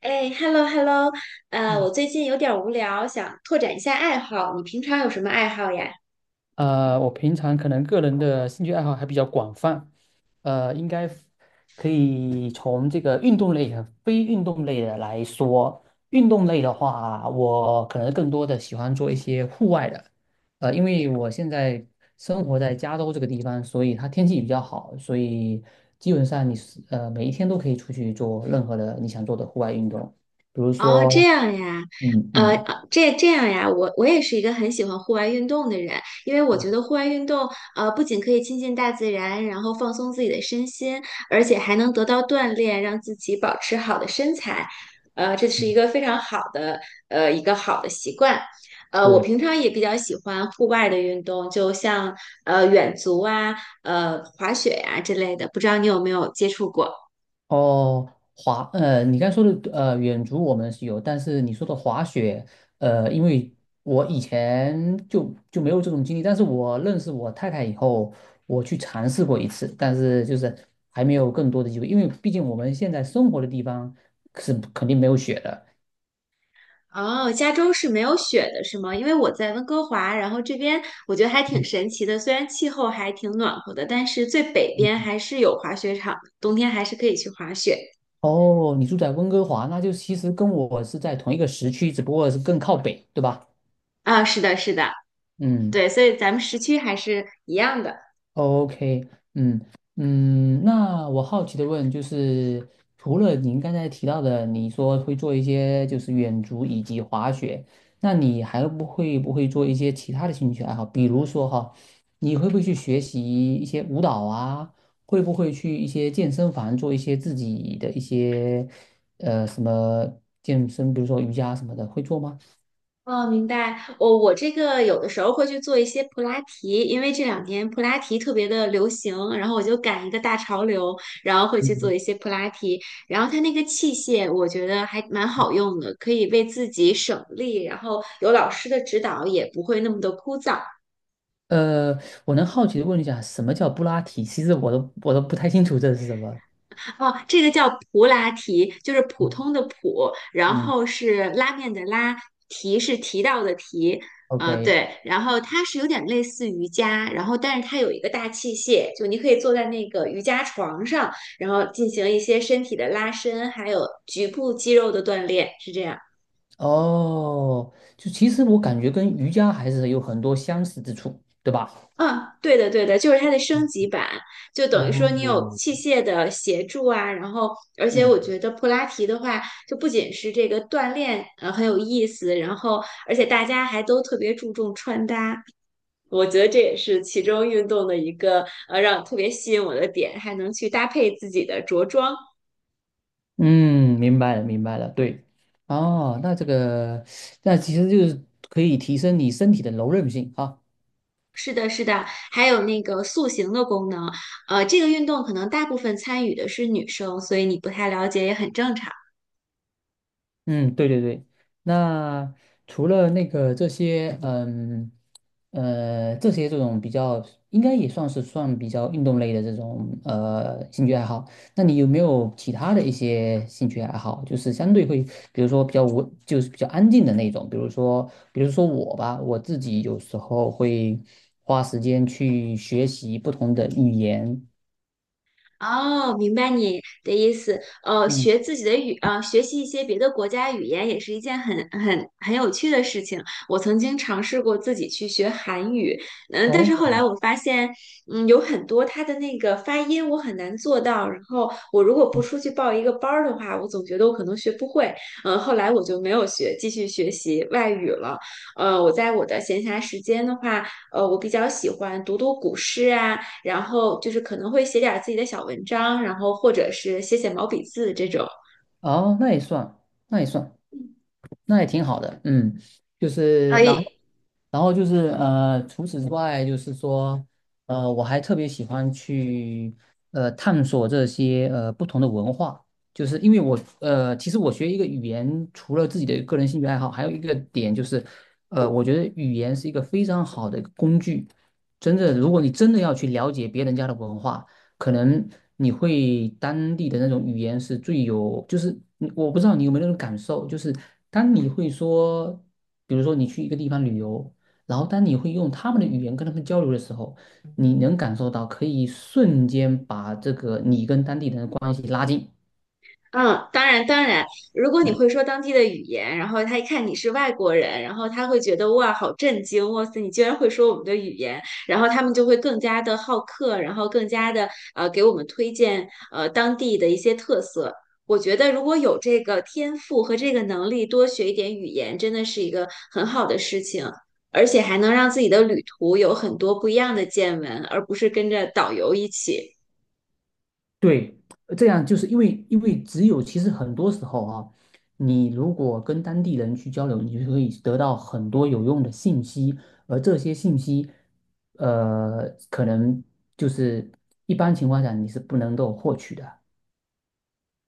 哎，hello hello，嗯我最近有点儿无聊，想拓展一下爱好。你平常有什么爱好呀？我平常可能个人的兴趣爱好还比较广泛，呃，应该 f- 可以从这个运动类和非运动类的来说。运动类的话，我可能更多的喜欢做一些户外的，因为我现在生活在加州这个地方，所以它天气比较好，所以基本上你是每一天都可以出去做任何的你想做的户外运动，比如哦，这说，样呀，嗯呃，嗯呃这这样呀，我也是一个很喜欢户外运动的人，因为我嗯觉得户外运动，不仅可以亲近大自然，然后放松自己的身心，而且还能得到锻炼，让自己保持好的身材，这是一嗯，个非常好的，一个好的习惯。我对。平常也比较喜欢户外的运动，就像远足啊、滑雪呀之类的，不知道你有没有接触过？哦，你刚才说的远足我们是有，但是你说的滑雪，因为我以前就没有这种经历，但是我认识我太太以后，我去尝试过一次，但是就是还没有更多的机会，因为毕竟我们现在生活的地方是肯定没有雪的。哦，加州是没有雪的，是吗？因为我在温哥华，然后这边我觉得还挺嗯神奇的，虽然气候还挺暖和的，但是最北边嗯，还是有滑雪场的，冬天还是可以去滑雪。哦，你住在温哥华，那就其实跟我是在同一个时区，只不过是更靠北，对吧？啊，是的，是的，嗯。对，所以咱们时区还是一样的。OK。嗯嗯，那我好奇的问就是，除了您刚才提到的，你说会做一些就是远足以及滑雪，那你还不会不会做一些其他的兴趣爱好？比如说哈，你会不会去学习一些舞蹈啊？会不会去一些健身房做一些自己的一些呃什么健身，比如说瑜伽什么的，会做吗？哦，明白。我这个有的时候会去做一些普拉提，因为这两年普拉提特别的流行，然后我就赶一个大潮流，然后会去做嗯。一些普拉提。然后它那个器械，我觉得还蛮好用的，可以为自己省力，然后有老师的指导也不会那么的枯燥。呃，我能好奇的问一下，什么叫布拉提？其实我都不太清楚这是什么。哦，这个叫普拉提，就是普嗯。通的普，然嗯后是拉面的拉，提是提到的提，啊，OK。对，然后它是有点类似瑜伽，然后但是它有一个大器械，就你可以坐在那个瑜伽床上，然后进行一些身体的拉伸，还有局部肌肉的锻炼，是这样。哦，就其实我感觉跟瑜伽还是有很多相似之处，对吧？嗯，对的，对的，就是它的升嗯。级版，就等于说你有哦。器械的协助啊，然后而且嗯我觉得普拉提的话，就不仅是这个锻炼，很有意思，然后而且大家还都特别注重穿搭，我觉得这也是其中运动的一个让特别吸引我的点，还能去搭配自己的着装。嗯，明白了，明白了，对。哦，那这个，那其实就是可以提升你身体的柔韧性啊。是的，是的，还有那个塑形的功能，这个运动可能大部分参与的是女生，所以你不太了解也很正常。嗯，对对对。那除了那个这些，嗯，这些这种比较，应该也算是算比较运动类的这种兴趣爱好。那你有没有其他的一些兴趣爱好？就是相对会，比如说比较无，就是比较安静的那种，比如说我吧，我自己有时候会花时间去学习不同的语言。哦，明白你的意思。嗯。学自己的语，学习一些别的国家语言也是一件很有趣的事情。我曾经尝试过自己去学韩语，嗯，但是后哦。来我发现，嗯，有很多它的那个发音我很难做到。然后我如果不出去报一个班儿的话，我总觉得我可能学不会。嗯，后来我就没有学，继续学习外语了。我在我的闲暇时间的话，我比较喜欢读读古诗啊。然后就是可能会写点自己的小文章，然后或者是写写毛笔字这种。哦，那也算，那也算。那也挺好的，嗯，就是然后，哎，然后就是除此之外，就是说，我还特别喜欢去探索这些不同的文化，就是因为我呃，其实我学一个语言，除了自己的个人兴趣爱好，还有一个点就是，我觉得语言是一个非常好的一个工具，真的，如果你真的要去了解别人家的文化。可能你会当地的那种语言是最有，就是你我不知道你有没有那种感受，就是当你会说，比如说你去一个地方旅游，然后当你会用他们的语言跟他们交流的时候，你能感受到可以瞬间把这个你跟当地人的关系拉近。嗯，当然当然，如果你嗯。会说当地的语言，然后他一看你是外国人，然后他会觉得哇，好震惊，哇塞，你居然会说我们的语言，然后他们就会更加的好客，然后更加的给我们推荐当地的一些特色。我觉得如果有这个天赋和这个能力，多学一点语言，真的是一个很好的事情，而且还能让自己的旅途有很多不一样的见闻，而不是跟着导游一起。对，这样就是因为只有其实很多时候啊，你如果跟当地人去交流，你就可以得到很多有用的信息，而这些信息，呃，可能就是一般情况下你是不能够获取的。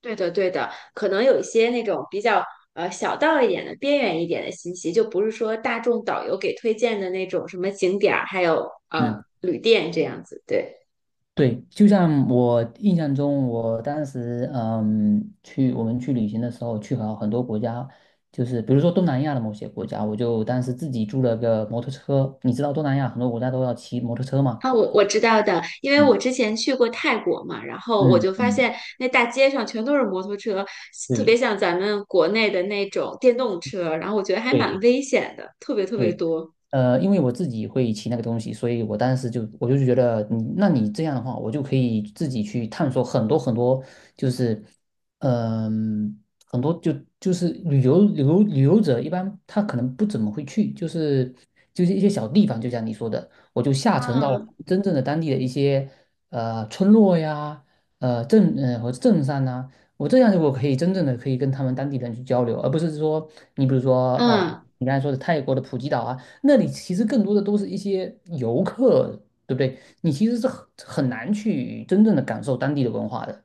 对的，对的，可能有一些那种比较小道一点的、边缘一点的信息，就不是说大众导游给推荐的那种什么景点儿，还有嗯，旅店这样子。对，对，就像我印象中，我当时我们去旅行的时候，去好很多国家，就是比如说东南亚的某些国家，我就当时自己租了个摩托车。你知道东南亚很多国家都要骑摩托车嘛？啊，我知道的，因为我嗯之前去过泰国嘛，然后我嗯就发嗯，现那大街上全都是摩托车，特别对像咱们国内的那种电动车，然后我觉得还蛮对，危险的，特别特别对。多。因为我自己会骑那个东西，所以我就觉得你，那你这样的话，我就可以自己去探索很多很多，就是嗯、很多就就是旅游者一般他可能不怎么会去，就是一些小地方，就像你说的，我就下沉到嗯真正的当地的一些村落呀，镇上呐、我这样就我可以真正的可以跟他们当地人去交流，而不是说你比如说呃。嗯。你刚才说的泰国的普吉岛啊，那里其实更多的都是一些游客，对不对？你其实是很很难去真正的感受当地的文化的。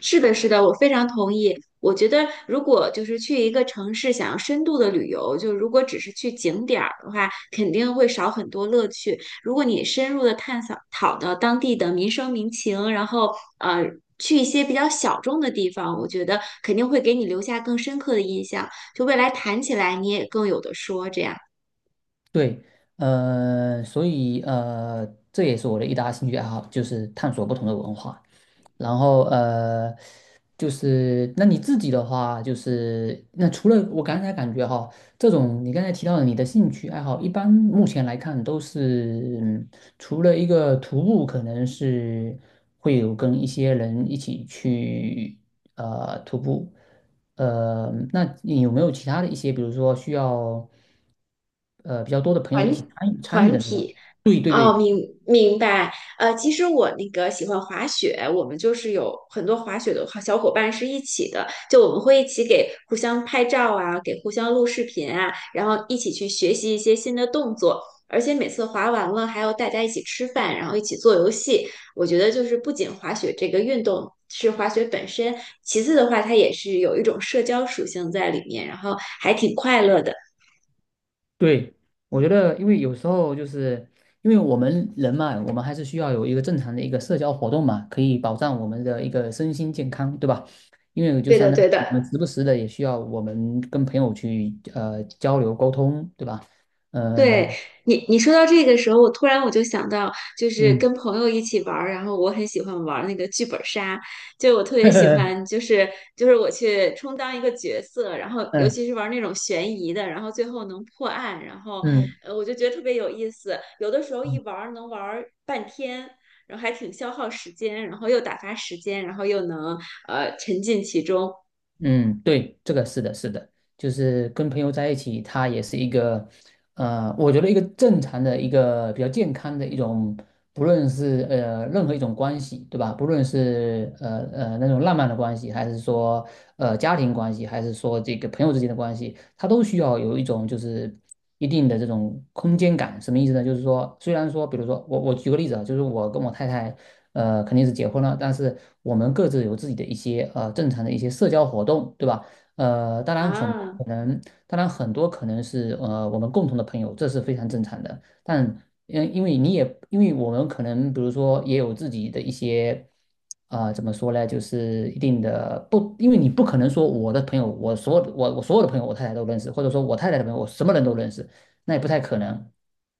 是的，是的，我非常同意。我觉得，如果就是去一个城市想要深度的旅游，就如果只是去景点儿的话，肯定会少很多乐趣。如果你深入的探索讨到当地的民生民情，然后呃去一些比较小众的地方，我觉得肯定会给你留下更深刻的印象。就未来谈起来，你也更有的说这样。对，所以这也是我的一大兴趣爱好，就是探索不同的文化。然后就是那你自己的话，就是那除了我刚才感觉哈，这种你刚才提到的你的兴趣爱好，一般目前来看都是，嗯，除了一个徒步，可能是会有跟一些人一起去徒步。那你有没有其他的一些，比如说需要比较多的朋友一起团参与团的那种？体，对对哦，明白。其实我那个喜欢滑雪，我们就是有很多滑雪的好小伙伴是一起的，就我们会一起给互相拍照啊，给互相录视频啊，然后一起去学习一些新的动作。而且每次滑完了，还要大家一起吃饭，然后一起做游戏。我觉得就是不仅滑雪这个运动是滑雪本身，其次的话，它也是有一种社交属性在里面，然后还挺快乐的。对，我觉得因为有时候就是因为我们人嘛，我们还是需要有一个正常的一个社交活动嘛，可以保障我们的一个身心健康，对吧？因为就对相的，当于对我们的。时不时的也需要我们跟朋友去交流沟通，对吧？呃，对你说到这个时候，我突然就想到，就是嗯。跟朋友一起玩儿，然后我很喜欢玩儿那个剧本杀，就我特别喜欢，就 是就是我去充当一个角色，然后尤嗯其是玩儿那种悬疑的，然后最后能破案，然后嗯。我就觉得特别有意思。有的时候一玩儿能玩儿半天，然后还挺消耗时间，然后又打发时间，然后又能沉浸其中嗯，对，这个是的，是的，就是跟朋友在一起，他也是一个，我觉得一个正常的一个比较健康的一种，不论是任何一种关系，对吧？不论是那种浪漫的关系，还是说家庭关系，还是说这个朋友之间的关系，它都需要有一种就是一定的这种空间感。什么意思呢？就是说，虽然说，比如说我举个例子啊，就是我跟我太太肯定是结婚了，但是我们各自有自己的一些正常的一些社交活动，对吧？呃，当然很多啊。可能。当然，很多可能是我们共同的朋友，这是非常正常的。但嗯，因为你也因为我们可能比如说也有自己的一些啊、呃怎么说呢，就是一定的不，因为你不可能说我的朋友，我所有的朋友，我太太都认识，或者说我太太的朋友，我什么人都认识，那也不太可能，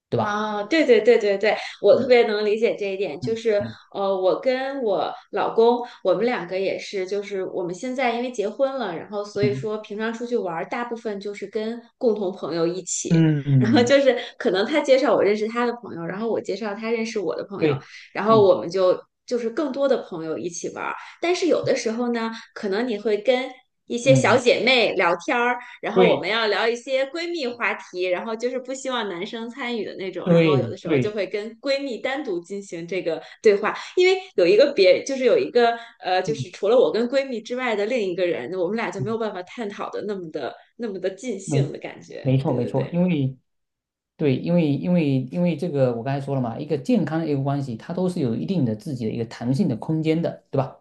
对吧？啊，对对对对对，我特嗯别能理解这一点。就嗯是，嗯我跟我老公，我们两个也是，就是我们现在因为结婚了，然后所以嗯说平常出去玩儿，大部分就是跟共同朋友一起。嗯，然后嗯就是可能他介绍我认识他的朋友，然后我介绍他认识我的朋友，对，然后嗯我们就就是更多的朋友一起玩儿。但是有的时候呢，可能你会跟一些小嗯，姐妹聊天儿，然后我们对，要聊一些闺蜜话题，然后就是不希望男生参与的那种，然后有对，的时候就对，会跟闺蜜单独进行这个对话，因为有一个别，就是有一个就嗯，是除了我跟闺蜜之外的另一个人，我们俩就没嗯，有办法探讨的那么的那么的尽兴没，的感觉。没错对没对错，对，因为这个我刚才说了嘛，一个健康的一个关系，它都是有一定的自己的一个弹性的空间的，对吧？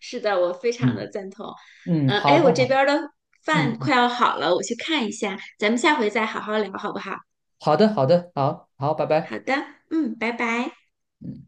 是的，我非常的嗯赞同。嗯，嗯、好哎，我的，这边好，儿的嗯饭嗯，快要好了，我去看一下，咱们下回再好好聊，好不好？好的，好的，好好，拜好拜。的，嗯，拜拜。嗯。